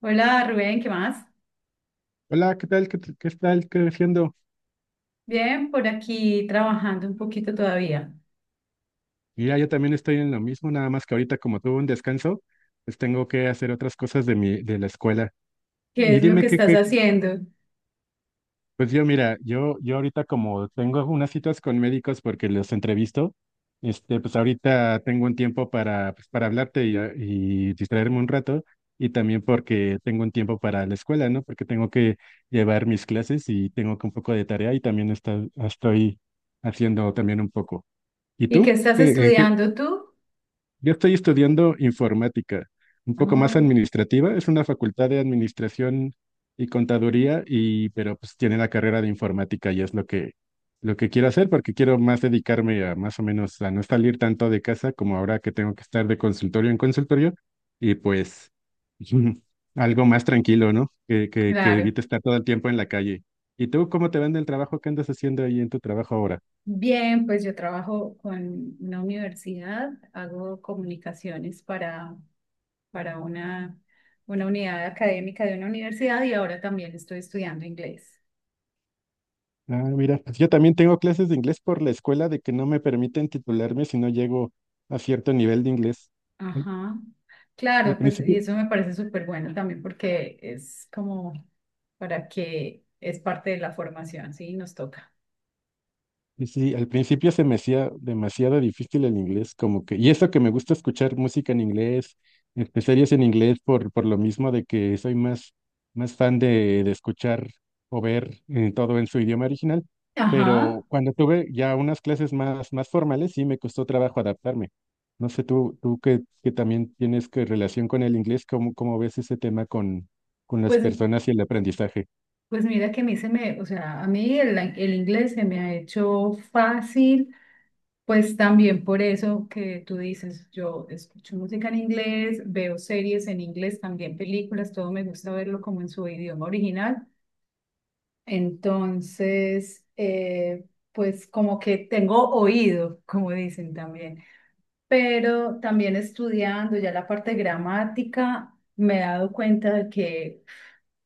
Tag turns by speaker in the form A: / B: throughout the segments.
A: Hola Rubén, ¿qué más?
B: Hola, ¿qué tal? ¿Qué tal creciendo?
A: Bien, por aquí trabajando un poquito todavía.
B: Mira, yo también estoy en lo mismo, nada más que ahorita como tuve un descanso, pues tengo que hacer otras cosas de la escuela.
A: ¿Qué
B: Y
A: es lo que
B: dime qué,
A: estás
B: qué-
A: haciendo?
B: pues yo mira, yo ahorita como tengo unas citas con médicos porque los entrevisto, pues ahorita tengo un tiempo para, pues para hablarte y distraerme un rato, y también porque tengo un tiempo para la escuela, ¿no? Porque tengo que llevar mis clases y tengo que un poco de tarea y también estoy haciendo también un poco. ¿Y
A: ¿Y qué
B: tú?
A: estás
B: ¿En qué?
A: estudiando tú?
B: Yo estoy estudiando informática, un poco más
A: Ah,
B: administrativa. Es una facultad de administración y contaduría, y, pero pues tiene la carrera de informática y es lo que quiero hacer porque quiero más dedicarme a más o menos a no salir tanto de casa como ahora que tengo que estar de consultorio en consultorio y pues algo más tranquilo, ¿no? Que
A: claro.
B: evite estar todo el tiempo en la calle. ¿Y tú cómo te va en el trabajo? ¿Qué andas haciendo ahí en tu trabajo ahora?
A: Bien, pues yo trabajo con una universidad, hago comunicaciones para una unidad académica de una universidad y ahora también estoy estudiando inglés.
B: Ah, mira, pues yo también tengo clases de inglés por la escuela de que no me permiten titularme si no llego a cierto nivel de inglés. Al
A: Ajá.
B: Al
A: Claro, pues y
B: principio,
A: eso me parece súper bueno también porque es como para que es parte de la formación, sí, nos toca.
B: sí, sí, al principio se me hacía demasiado difícil el inglés, como que, y eso que me gusta escuchar música en inglés, series en inglés, por lo mismo de que soy más, más fan de escuchar o ver todo en su idioma original,
A: Ajá,
B: pero cuando tuve ya unas clases más, más formales, sí me costó trabajo adaptarme. No sé, tú que también tienes que relación con el inglés, ¿cómo ves ese tema con las
A: pues,
B: personas y el aprendizaje?
A: pues mira que a mí se me, o sea, a mí el inglés se me ha hecho fácil, pues también por eso que tú dices, yo escucho música en inglés, veo series en inglés, también películas, todo me gusta verlo como en su idioma original. Entonces, pues como que tengo oído, como dicen también, pero también estudiando ya la parte gramática, me he dado cuenta de que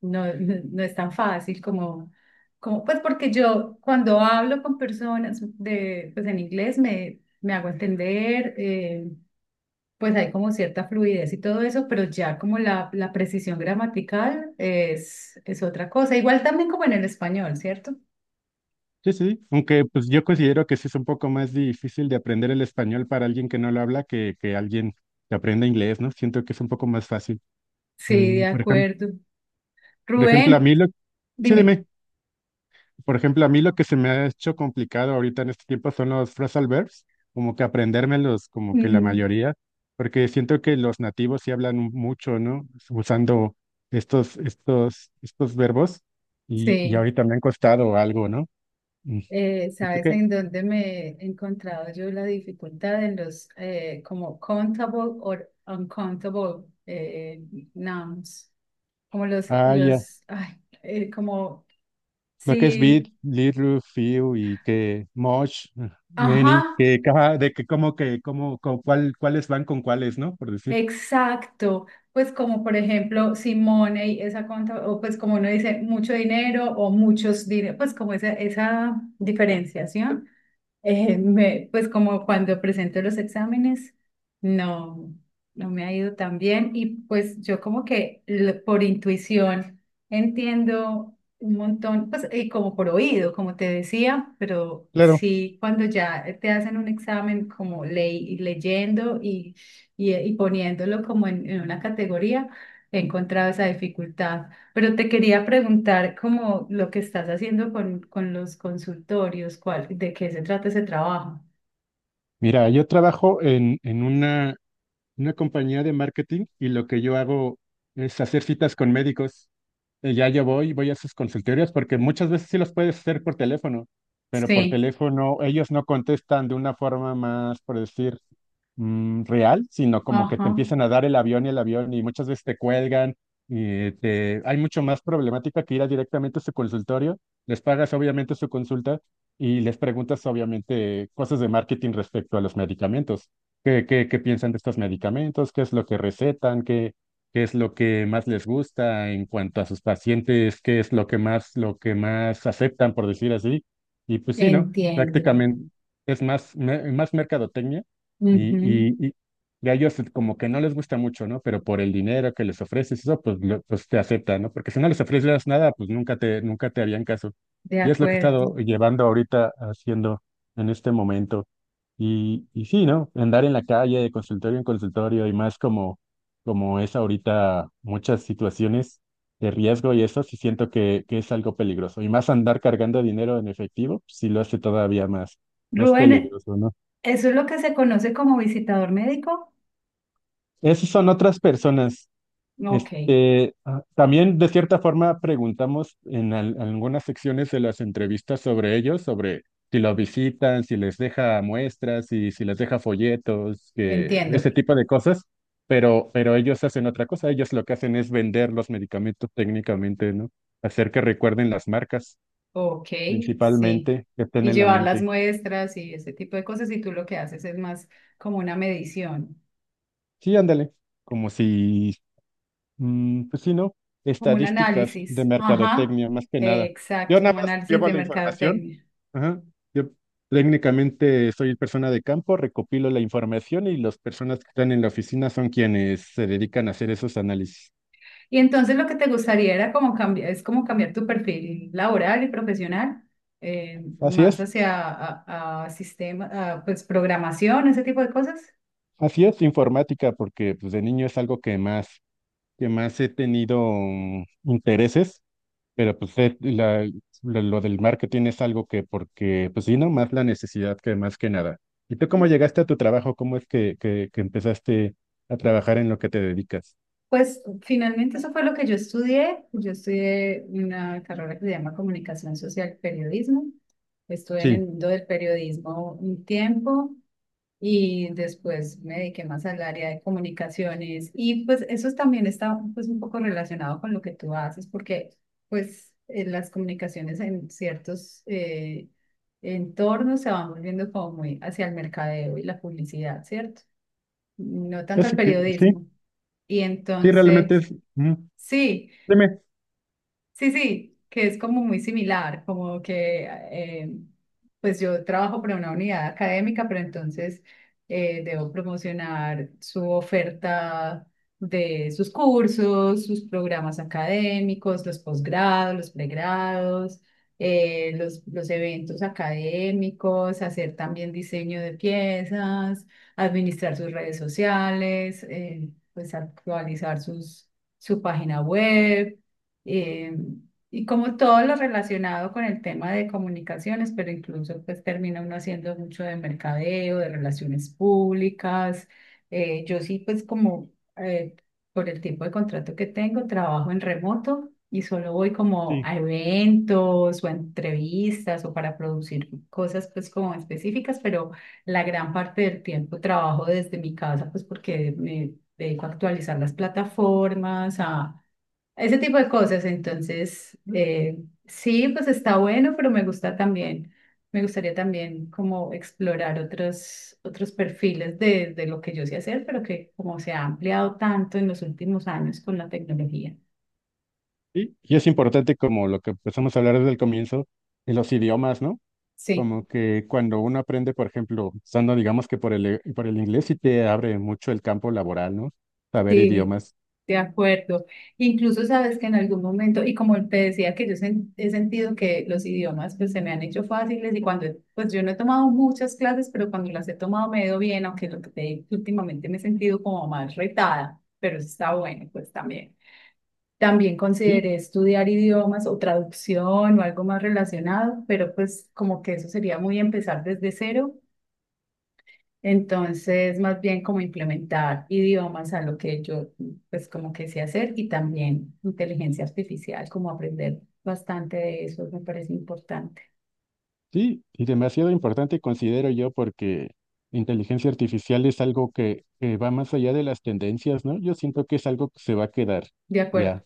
A: no, no, no es tan fácil como, como, pues porque yo cuando hablo con personas de, pues en inglés me, me hago entender, pues hay como cierta fluidez y todo eso, pero ya como la precisión gramatical es otra cosa, igual también como en el español, ¿cierto?
B: Sí, sí, sí. Aunque pues yo considero que sí es un poco más difícil de aprender el español para alguien que no lo habla que alguien que aprenda inglés, ¿no? Siento que es un poco más fácil.
A: Sí,
B: Mm,
A: de
B: por ejemplo,
A: acuerdo.
B: por ejemplo, a
A: Rubén,
B: mí lo, sí,
A: dime.
B: dime, por ejemplo, a mí lo que se me ha hecho complicado ahorita en este tiempo son los phrasal verbs, como que aprendérmelos, como que la
A: Mm,
B: mayoría, porque siento que los nativos sí hablan mucho, ¿no? Usando estos verbos y
A: sí,
B: ahorita me han costado algo, ¿no? Mm, siento
A: ¿sabes
B: que...
A: en dónde me he encontrado yo la dificultad en los como countable o uncountable nouns? Como
B: ah, ya.
A: los, ay, como,
B: Lo que es bit,
A: sí,
B: little, few y que much,
A: ajá,
B: many, que cada, de que, como, con cuál, cuáles van con cuáles, ¿no? Por decir.
A: exacto. Pues como por ejemplo, si money, esa conta, o pues como uno dice mucho dinero o muchos dinero, pues como esa diferenciación. Me- pues como cuando presento los exámenes, no, no me ha ido tan bien y pues yo como que l- por intuición entiendo un montón, pues y como por oído, como te decía, pero
B: Claro.
A: sí cuando ya te hacen un examen como ley, leyendo y poniéndolo como en una categoría, he encontrado esa dificultad. Pero te quería preguntar como lo que estás haciendo con los consultorios, cuál, de qué se trata ese trabajo.
B: Mira, yo trabajo en una compañía de marketing y lo que yo hago es hacer citas con médicos. Ya yo voy, voy a sus consultorios porque muchas veces sí los puedes hacer por teléfono, pero por
A: Sí,
B: teléfono ellos no contestan de una forma más, por decir, mm, real, sino como que te
A: ajá,
B: empiezan a dar el avión y muchas veces te cuelgan y te... hay mucho más problemática que ir a directamente a su consultorio, les pagas obviamente su consulta y les preguntas obviamente cosas de marketing respecto a los medicamentos. ¿Qué piensan de estos medicamentos? ¿Qué es lo que recetan? ¿Qué es lo que más les gusta en cuanto a sus pacientes? ¿Qué es lo que más aceptan, por decir así? Y pues sí, ¿no?
A: entiendo.
B: Prácticamente es más, más mercadotecnia y,
A: Ujú,
B: y, y, y a ellos como que no les gusta mucho, ¿no? Pero por el dinero que les ofreces, eso pues, pues te aceptan, ¿no? Porque si no les ofreces nada, pues nunca te harían caso.
A: de
B: Y es lo que he
A: acuerdo.
B: estado llevando ahorita haciendo en este momento. Y sí, ¿no? Andar en la calle de consultorio en consultorio y más como, como es ahorita muchas situaciones de riesgo y eso sí siento que es algo peligroso. Y más andar cargando dinero en efectivo, sí lo hace todavía más, más
A: Rubén,
B: peligroso, ¿no?
A: ¿eso es lo que se conoce como visitador médico?
B: Esas son otras personas.
A: Ok,
B: Este, ah, también de cierta forma preguntamos en algunas secciones de las entrevistas sobre ellos, sobre si los visitan, si les deja muestras, si les deja folletos, que,
A: entiendo.
B: ese tipo de cosas, pero ellos hacen otra cosa, ellos lo que hacen es vender los medicamentos técnicamente, ¿no? Hacer que recuerden las marcas,
A: Ok, sí.
B: principalmente, que estén
A: Y
B: en la
A: llevar las
B: mente.
A: muestras y ese tipo de cosas, y tú lo que haces es más como una medición,
B: Sí, ándale, como si mm, pues sí, ¿no?
A: como un
B: Estadísticas de
A: análisis. Ajá,
B: mercadotecnia, más que nada. Yo
A: exacto,
B: nada
A: como
B: más
A: análisis
B: llevo
A: de
B: la información.
A: mercadotecnia.
B: Ajá. Yo técnicamente soy persona de campo, recopilo la información y las personas que están en la oficina son quienes se dedican a hacer esos análisis.
A: Y entonces lo que te gustaría era como cambiar, es como cambiar tu perfil laboral y profesional,
B: Así
A: más
B: es,
A: hacia a sistema, a, pues programación, ese tipo de cosas.
B: así es informática, porque pues, de niño es algo que más he tenido mm, intereses. Pero pues lo del marketing es algo que, porque, pues sí, no más la necesidad que más que nada. ¿Y tú cómo llegaste a tu trabajo? ¿Cómo es que empezaste a trabajar en lo que te dedicas?
A: Pues finalmente eso fue lo que yo estudié. Yo estudié una carrera que se llama Comunicación Social Periodismo. Estuve en el
B: Sí,
A: mundo del periodismo un tiempo y después me dediqué más al área de comunicaciones y pues eso también está pues un poco relacionado con lo que tú haces porque pues en las comunicaciones en ciertos entornos se van volviendo como muy hacia el mercadeo y la publicidad, ¿cierto? No tanto al
B: eso que, sí,
A: periodismo. Y
B: sí, realmente
A: entonces,
B: es, mm,
A: sí.
B: dime,
A: Sí, sí, que es como muy similar, como que pues yo trabajo para una unidad académica, pero entonces debo promocionar su oferta de sus cursos, sus programas académicos, los posgrados, los pregrados, los eventos académicos, hacer también diseño de piezas, administrar sus redes sociales, pues actualizar sus, su página web eh, y como todo lo relacionado con el tema de comunicaciones, pero incluso pues termina uno haciendo mucho de mercadeo, de relaciones públicas. Yo sí pues como eh, por el tipo de contrato que tengo, trabajo en remoto y solo voy como
B: sí.
A: a eventos o a entrevistas o para producir cosas pues como específicas, pero la gran parte del tiempo trabajo desde mi casa pues porque me dedico a actualizar las plataformas, a ese tipo de cosas, entonces, sí, pues está bueno, pero me gusta también, me gustaría también como explorar otros, otros perfiles de lo que yo sé hacer, pero que como se ha ampliado tanto en los últimos años con la tecnología.
B: Y es importante como lo que empezamos a hablar desde el comienzo, de los idiomas, ¿no?
A: Sí,
B: Como que cuando uno aprende, por ejemplo, usando, digamos que por el, por el inglés, sí te abre mucho el campo laboral, ¿no? Saber
A: sí.
B: idiomas.
A: De acuerdo. Incluso sabes que en algún momento, y como te decía que yo sen- he sentido que los idiomas pues se me han hecho fáciles y cuando, pues yo no he tomado muchas clases, pero cuando las he tomado me he ido bien, aunque lo que te digo, que últimamente me he sentido como más retada, pero eso está bueno pues también. También
B: Sí,
A: consideré estudiar idiomas o traducción o algo más relacionado, pero pues como que eso sería muy empezar desde cero entonces, más bien como implementar idiomas a lo que yo, pues como que sé hacer y también inteligencia artificial, como aprender bastante de eso, me parece importante.
B: sí, y demasiado importante considero yo porque inteligencia artificial es algo que va más allá de las tendencias, ¿no? Yo siento que es algo que se va a quedar
A: De acuerdo.
B: ya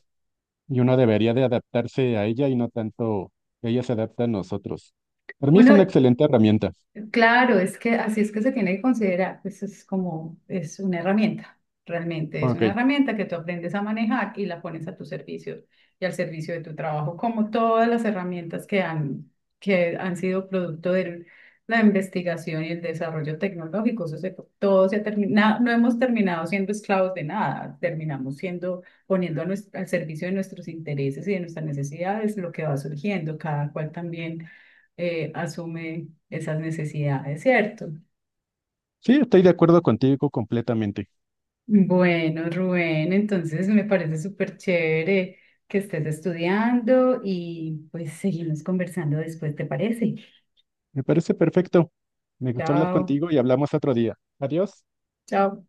B: y uno debería de adaptarse a ella y no tanto que ella se adapta a nosotros. Para mí es una
A: Bueno,
B: excelente herramienta.
A: claro, es que así es que se tiene que considerar, pues es como, es una herramienta, realmente es
B: Ok,
A: una herramienta que tú aprendes a manejar y la pones a tu servicio y al servicio de tu trabajo, como todas las herramientas que han sido producto de la investigación y el desarrollo tecnológico. Eso se- todo se ha terminado, no hemos terminado siendo esclavos de nada, terminamos siendo, poniendo a nues- al servicio de nuestros intereses y de nuestras necesidades lo que va surgiendo, cada cual también asume esas necesidades, ¿cierto?
B: sí, estoy de acuerdo contigo completamente.
A: Bueno, Rubén, entonces me parece súper chévere que estés estudiando y pues seguimos conversando después, ¿te parece?
B: Me parece perfecto. Me gusta hablar
A: Chao.
B: contigo y hablamos otro día. Adiós.
A: Chao.